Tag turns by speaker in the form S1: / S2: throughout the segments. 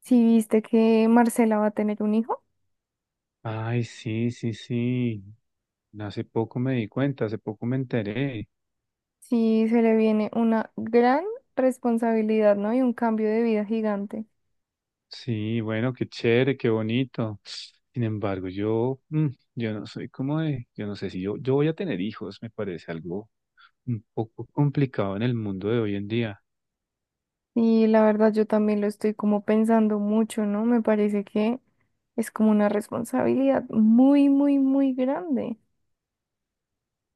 S1: Si viste que Marcela va a tener un hijo,
S2: Ay, sí, sí, sí. Hace poco me di cuenta, hace poco me enteré.
S1: sí se le viene una gran responsabilidad, ¿no? Y un cambio de vida gigante.
S2: Sí, bueno, qué chévere, qué bonito. Sin embargo, yo no soy como de, yo no sé si yo voy a tener hijos, me parece algo un poco complicado en el mundo de hoy en día.
S1: Y la verdad yo también lo estoy como pensando mucho, ¿no? Me parece que es como una responsabilidad muy, muy, muy grande.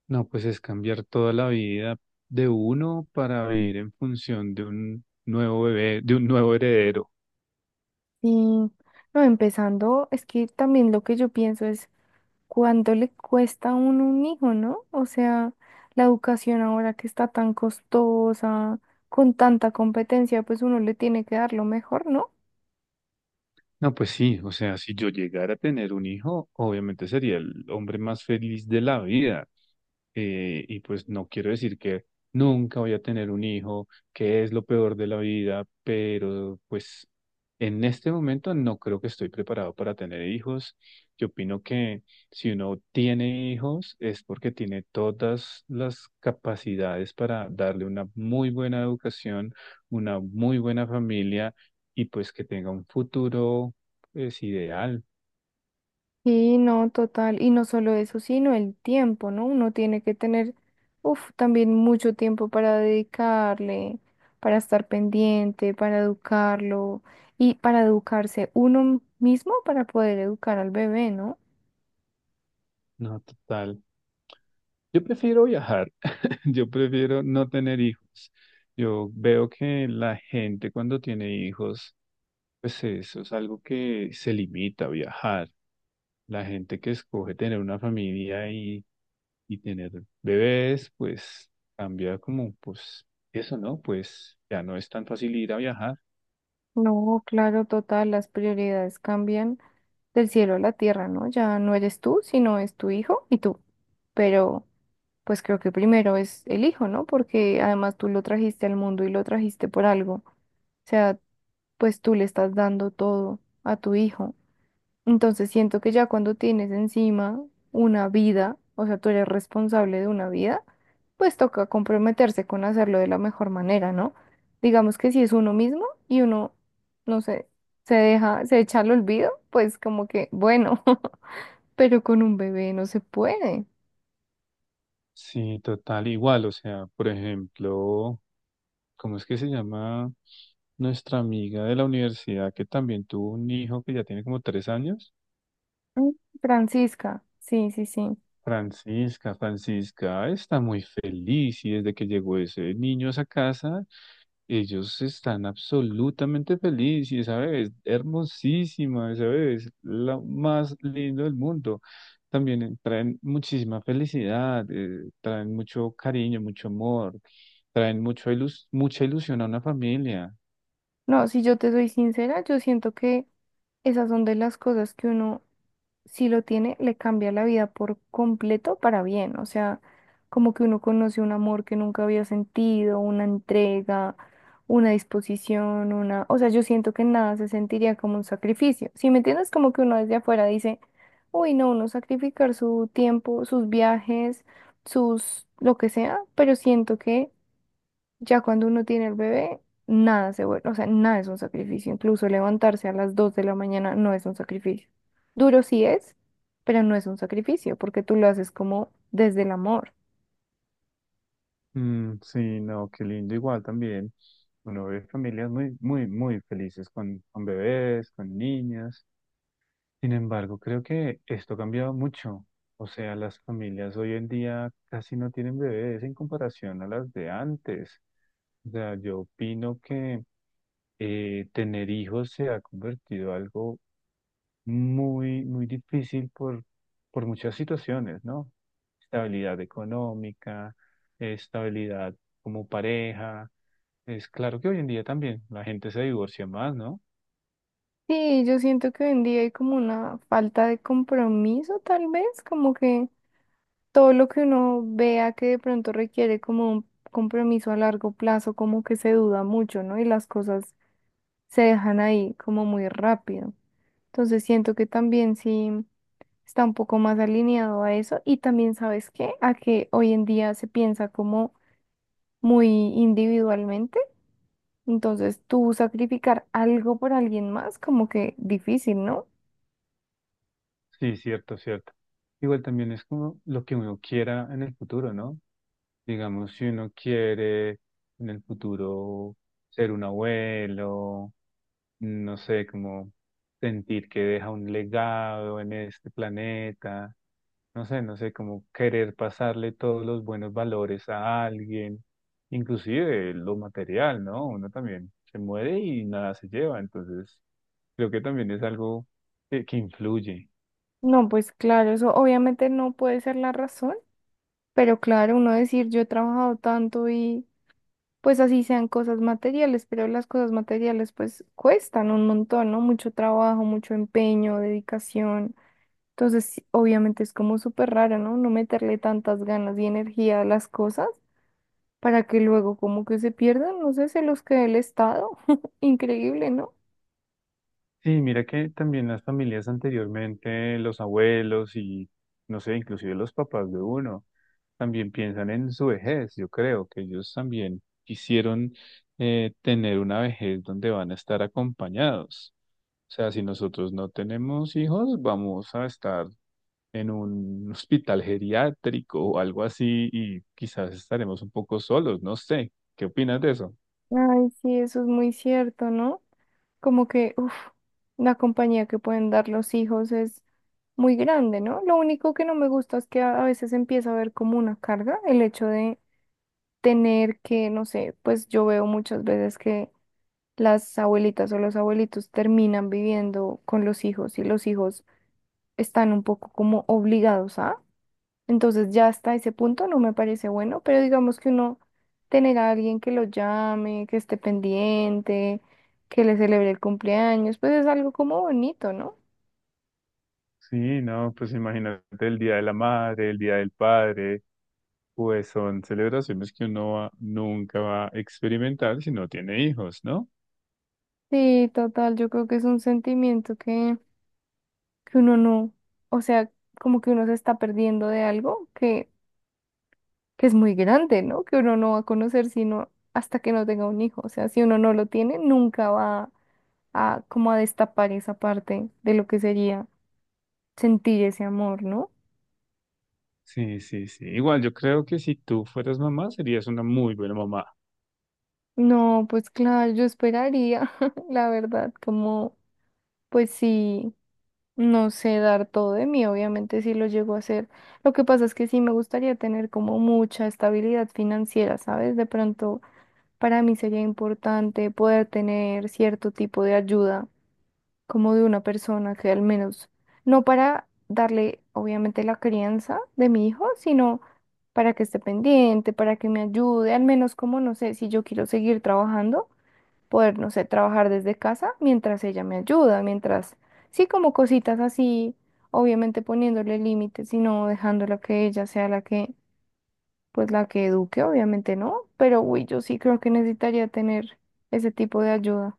S2: No, pues es cambiar toda la vida de uno para vivir en función de un nuevo bebé, de un nuevo heredero.
S1: Y no, empezando, es que también lo que yo pienso es cuánto le cuesta a uno un hijo, ¿no? O sea, la educación ahora que está tan costosa, con tanta competencia, pues uno le tiene que dar lo mejor, ¿no?
S2: No, pues sí, o sea, si yo llegara a tener un hijo, obviamente sería el hombre más feliz de la vida y pues no quiero decir que nunca voy a tener un hijo, que es lo peor de la vida, pero pues en este momento no creo que estoy preparado para tener hijos. Yo opino que si uno tiene hijos es porque tiene todas las capacidades para darle una muy buena educación, una muy buena familia y pues que tenga un futuro es ideal.
S1: Y no, total, y no solo eso, sino el tiempo, ¿no? Uno tiene que tener, uff, también mucho tiempo para dedicarle, para estar pendiente, para educarlo y para educarse uno mismo para poder educar al bebé, ¿no?
S2: No, total. Yo prefiero viajar. Yo prefiero no tener hijos. Yo veo que la gente cuando tiene hijos, pues eso es algo que se limita a viajar. La gente que escoge tener una familia y tener bebés, pues cambia como, pues eso, ¿no? Pues ya no es tan fácil ir a viajar.
S1: No, claro, total, las prioridades cambian del cielo a la tierra, ¿no? Ya no eres tú, sino es tu hijo y tú. Pero pues creo que primero es el hijo, ¿no? Porque además tú lo trajiste al mundo y lo trajiste por algo. O sea, pues tú le estás dando todo a tu hijo. Entonces siento que ya cuando tienes encima una vida, o sea, tú eres responsable de una vida, pues toca comprometerse con hacerlo de la mejor manera, ¿no? Digamos que si es uno mismo y uno, no sé, se deja, se echa al olvido, pues como que, bueno, pero con un bebé no se puede.
S2: Sí, total, igual. O sea, por ejemplo, ¿cómo es que se llama nuestra amiga de la universidad que también tuvo un hijo que ya tiene como 3 años?
S1: Mm, Francisca, sí, sí, sí.
S2: Francisca está muy feliz, y desde que llegó ese niño a esa casa, ellos están absolutamente felices y esa bebé es hermosísima, esa bebé es la más linda del mundo. También traen muchísima felicidad, traen mucho cariño, mucho amor, traen mucho mucha ilusión a una familia.
S1: No, si yo te soy sincera, yo siento que esas son de las cosas que uno si lo tiene, le cambia la vida por completo para bien. O sea, como que uno conoce un amor que nunca había sentido, una entrega, una disposición, una... O sea, yo siento que nada se sentiría como un sacrificio. Si me entiendes, como que uno desde afuera dice, uy, no, uno sacrificar su tiempo, sus viajes, sus... lo que sea, pero siento que ya cuando uno tiene el bebé, nada se vuelve, o sea, nada es un sacrificio. Incluso levantarse a las 2 de la mañana no es un sacrificio. Duro sí es, pero no es un sacrificio porque tú lo haces como desde el amor.
S2: Mm, sí, no, qué lindo igual también. Uno ve familias muy, muy, muy felices con, bebés, con niñas. Sin embargo, creo que esto ha cambiado mucho. O sea, las familias hoy en día casi no tienen bebés en comparación a las de antes. O sea, yo opino que tener hijos se ha convertido en algo muy, muy difícil por muchas situaciones, ¿no? Estabilidad económica, estabilidad como pareja. Es claro que hoy en día también la gente se divorcia más, ¿no?
S1: Sí, yo siento que hoy en día hay como una falta de compromiso, tal vez, como que todo lo que uno vea que de pronto requiere como un compromiso a largo plazo, como que se duda mucho, ¿no? Y las cosas se dejan ahí como muy rápido. Entonces siento que también sí está un poco más alineado a eso y también sabes qué, a que hoy en día se piensa como muy individualmente, entonces tú sacrificar algo por alguien más como que difícil, ¿no?
S2: Sí, cierto, cierto. Igual también es como lo que uno quiera en el futuro, ¿no? Digamos, si uno quiere en el futuro ser un abuelo, no sé, como sentir que deja un legado en este planeta, no sé, no sé, como querer pasarle todos los buenos valores a alguien, inclusive lo material, ¿no? Uno también se muere y nada se lleva, entonces creo que también es algo que influye.
S1: No, pues claro, eso obviamente no puede ser la razón, pero claro, uno decir yo he trabajado tanto y pues así sean cosas materiales, pero las cosas materiales pues cuestan un montón, ¿no? Mucho trabajo, mucho empeño, dedicación. Entonces, sí, obviamente es como súper raro, ¿no? No meterle tantas ganas y energía a las cosas para que luego como que se pierdan, no sé, se los quede el Estado. Increíble, ¿no?
S2: Sí, mira que también las familias anteriormente, los abuelos y, no sé, inclusive los papás de uno, también piensan en su vejez. Yo creo que ellos también quisieron tener una vejez donde van a estar acompañados. O sea, si nosotros no tenemos hijos, vamos a estar en un hospital geriátrico o algo así y quizás estaremos un poco solos, no sé. ¿Qué opinas de eso?
S1: Ay, sí, eso es muy cierto, ¿no? Como que, uff, la compañía que pueden dar los hijos es muy grande, ¿no? Lo único que no me gusta es que a veces empieza a ver como una carga el hecho de tener que, no sé, pues yo veo muchas veces que las abuelitas o los abuelitos terminan viviendo con los hijos y los hijos están un poco como obligados a. Entonces ya hasta ese punto no me parece bueno, pero digamos que uno tener a alguien que lo llame, que esté pendiente, que le celebre el cumpleaños, pues es algo como bonito, ¿no?
S2: Sí, no, pues imagínate el Día de la Madre, el Día del Padre. Pues son celebraciones que uno nunca va a experimentar si no tiene hijos, ¿no?
S1: Sí, total, yo creo que es un sentimiento que uno no, o sea, como que uno se está perdiendo de algo que es muy grande, ¿no? Que uno no va a conocer sino hasta que no tenga un hijo. O sea, si uno no lo tiene, nunca va a como a destapar esa parte de lo que sería sentir ese amor, ¿no?
S2: Sí, sí, sí. Igual yo creo que si tú fueras mamá, serías una muy buena mamá.
S1: No, pues claro, yo esperaría, la verdad, como, pues sí, no sé dar todo de mí, obviamente sí lo llego a hacer. Lo que pasa es que sí me gustaría tener como mucha estabilidad financiera, ¿sabes? De pronto para mí sería importante poder tener cierto tipo de ayuda como de una persona que al menos, no para darle obviamente la crianza de mi hijo, sino para que esté pendiente, para que me ayude, al menos como, no sé, si yo quiero seguir trabajando, poder, no sé, trabajar desde casa mientras ella me ayuda, mientras, sí, como cositas así, obviamente poniéndole límites y no dejándola que ella sea la que, pues la que eduque, obviamente no, pero uy, yo sí creo que necesitaría tener ese tipo de ayuda.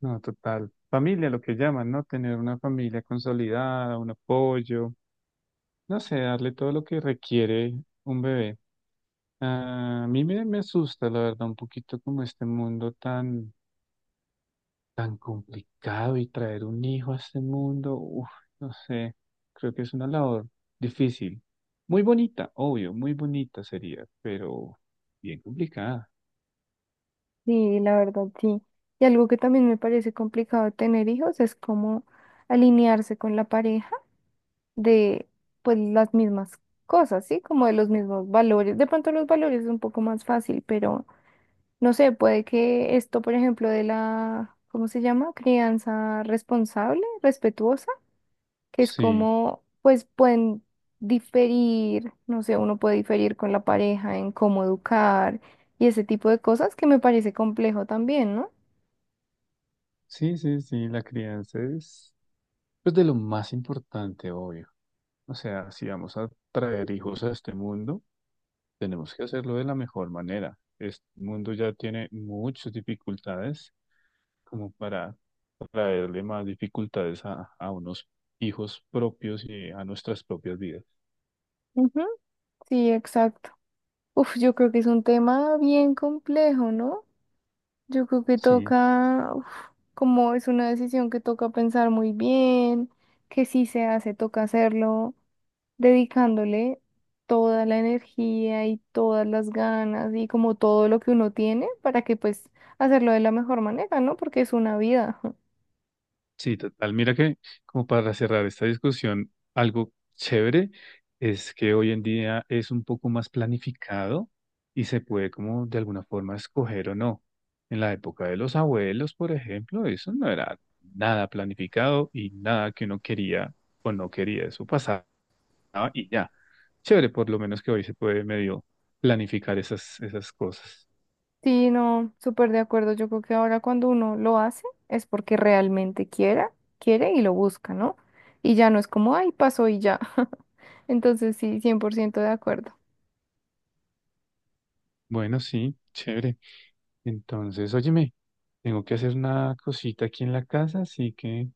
S2: No, total. Familia, lo que llaman, ¿no? Tener una familia consolidada, un apoyo, no sé, darle todo lo que requiere un bebé. Ah, a mí me asusta, la verdad, un poquito como este mundo tan complicado y traer un hijo a este mundo, uf, no sé, creo que es una labor difícil. Muy bonita, obvio, muy bonita sería, pero bien complicada.
S1: Sí, la verdad, sí. Y algo que también me parece complicado de tener hijos es como alinearse con la pareja de pues las mismas cosas, ¿sí? Como de los mismos valores. De pronto los valores es un poco más fácil, pero no sé, puede que esto, por ejemplo, de la, ¿cómo se llama? Crianza responsable, respetuosa, que es
S2: Sí,
S1: como, pues pueden diferir, no sé, uno puede diferir con la pareja en cómo educar y ese tipo de cosas que me parece complejo también, ¿no?
S2: sí, sí, sí, la crianza es pues de lo más importante, obvio. O sea, si vamos a traer hijos a este mundo, tenemos que hacerlo de la mejor manera. Este mundo ya tiene muchas dificultades como para traerle más dificultades a unos hijos propios y a nuestras propias vidas.
S1: Ujú, sí, exacto. Uf, yo creo que es un tema bien complejo, ¿no? Yo creo que
S2: Sí,
S1: toca, uf, como es una decisión que toca pensar muy bien, que si se hace, toca hacerlo, dedicándole toda la energía y todas las ganas y como todo lo que uno tiene para que pues hacerlo de la mejor manera, ¿no? Porque es una vida.
S2: sí, total. Mira que como para cerrar esta discusión, algo chévere es que hoy en día es un poco más planificado y se puede como de alguna forma escoger o no. En la época de los abuelos, por ejemplo, eso no era nada planificado y nada que uno quería o no quería. Eso pasaba. Ah, y ya. Chévere, por lo menos que hoy se puede medio planificar esas cosas.
S1: Sí, no, súper de acuerdo. Yo creo que ahora cuando uno lo hace es porque realmente quiera, quiere y lo busca, ¿no? Y ya no es como, ay, pasó y ya. Entonces sí, 100% de acuerdo.
S2: Bueno, sí, chévere. Entonces, óyeme, tengo que hacer una cosita aquí en la casa, así que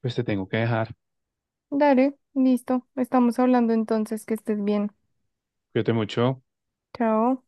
S2: pues te tengo que dejar.
S1: Dale, listo. Estamos hablando entonces, que estés bien.
S2: Cuídate mucho.
S1: Chao.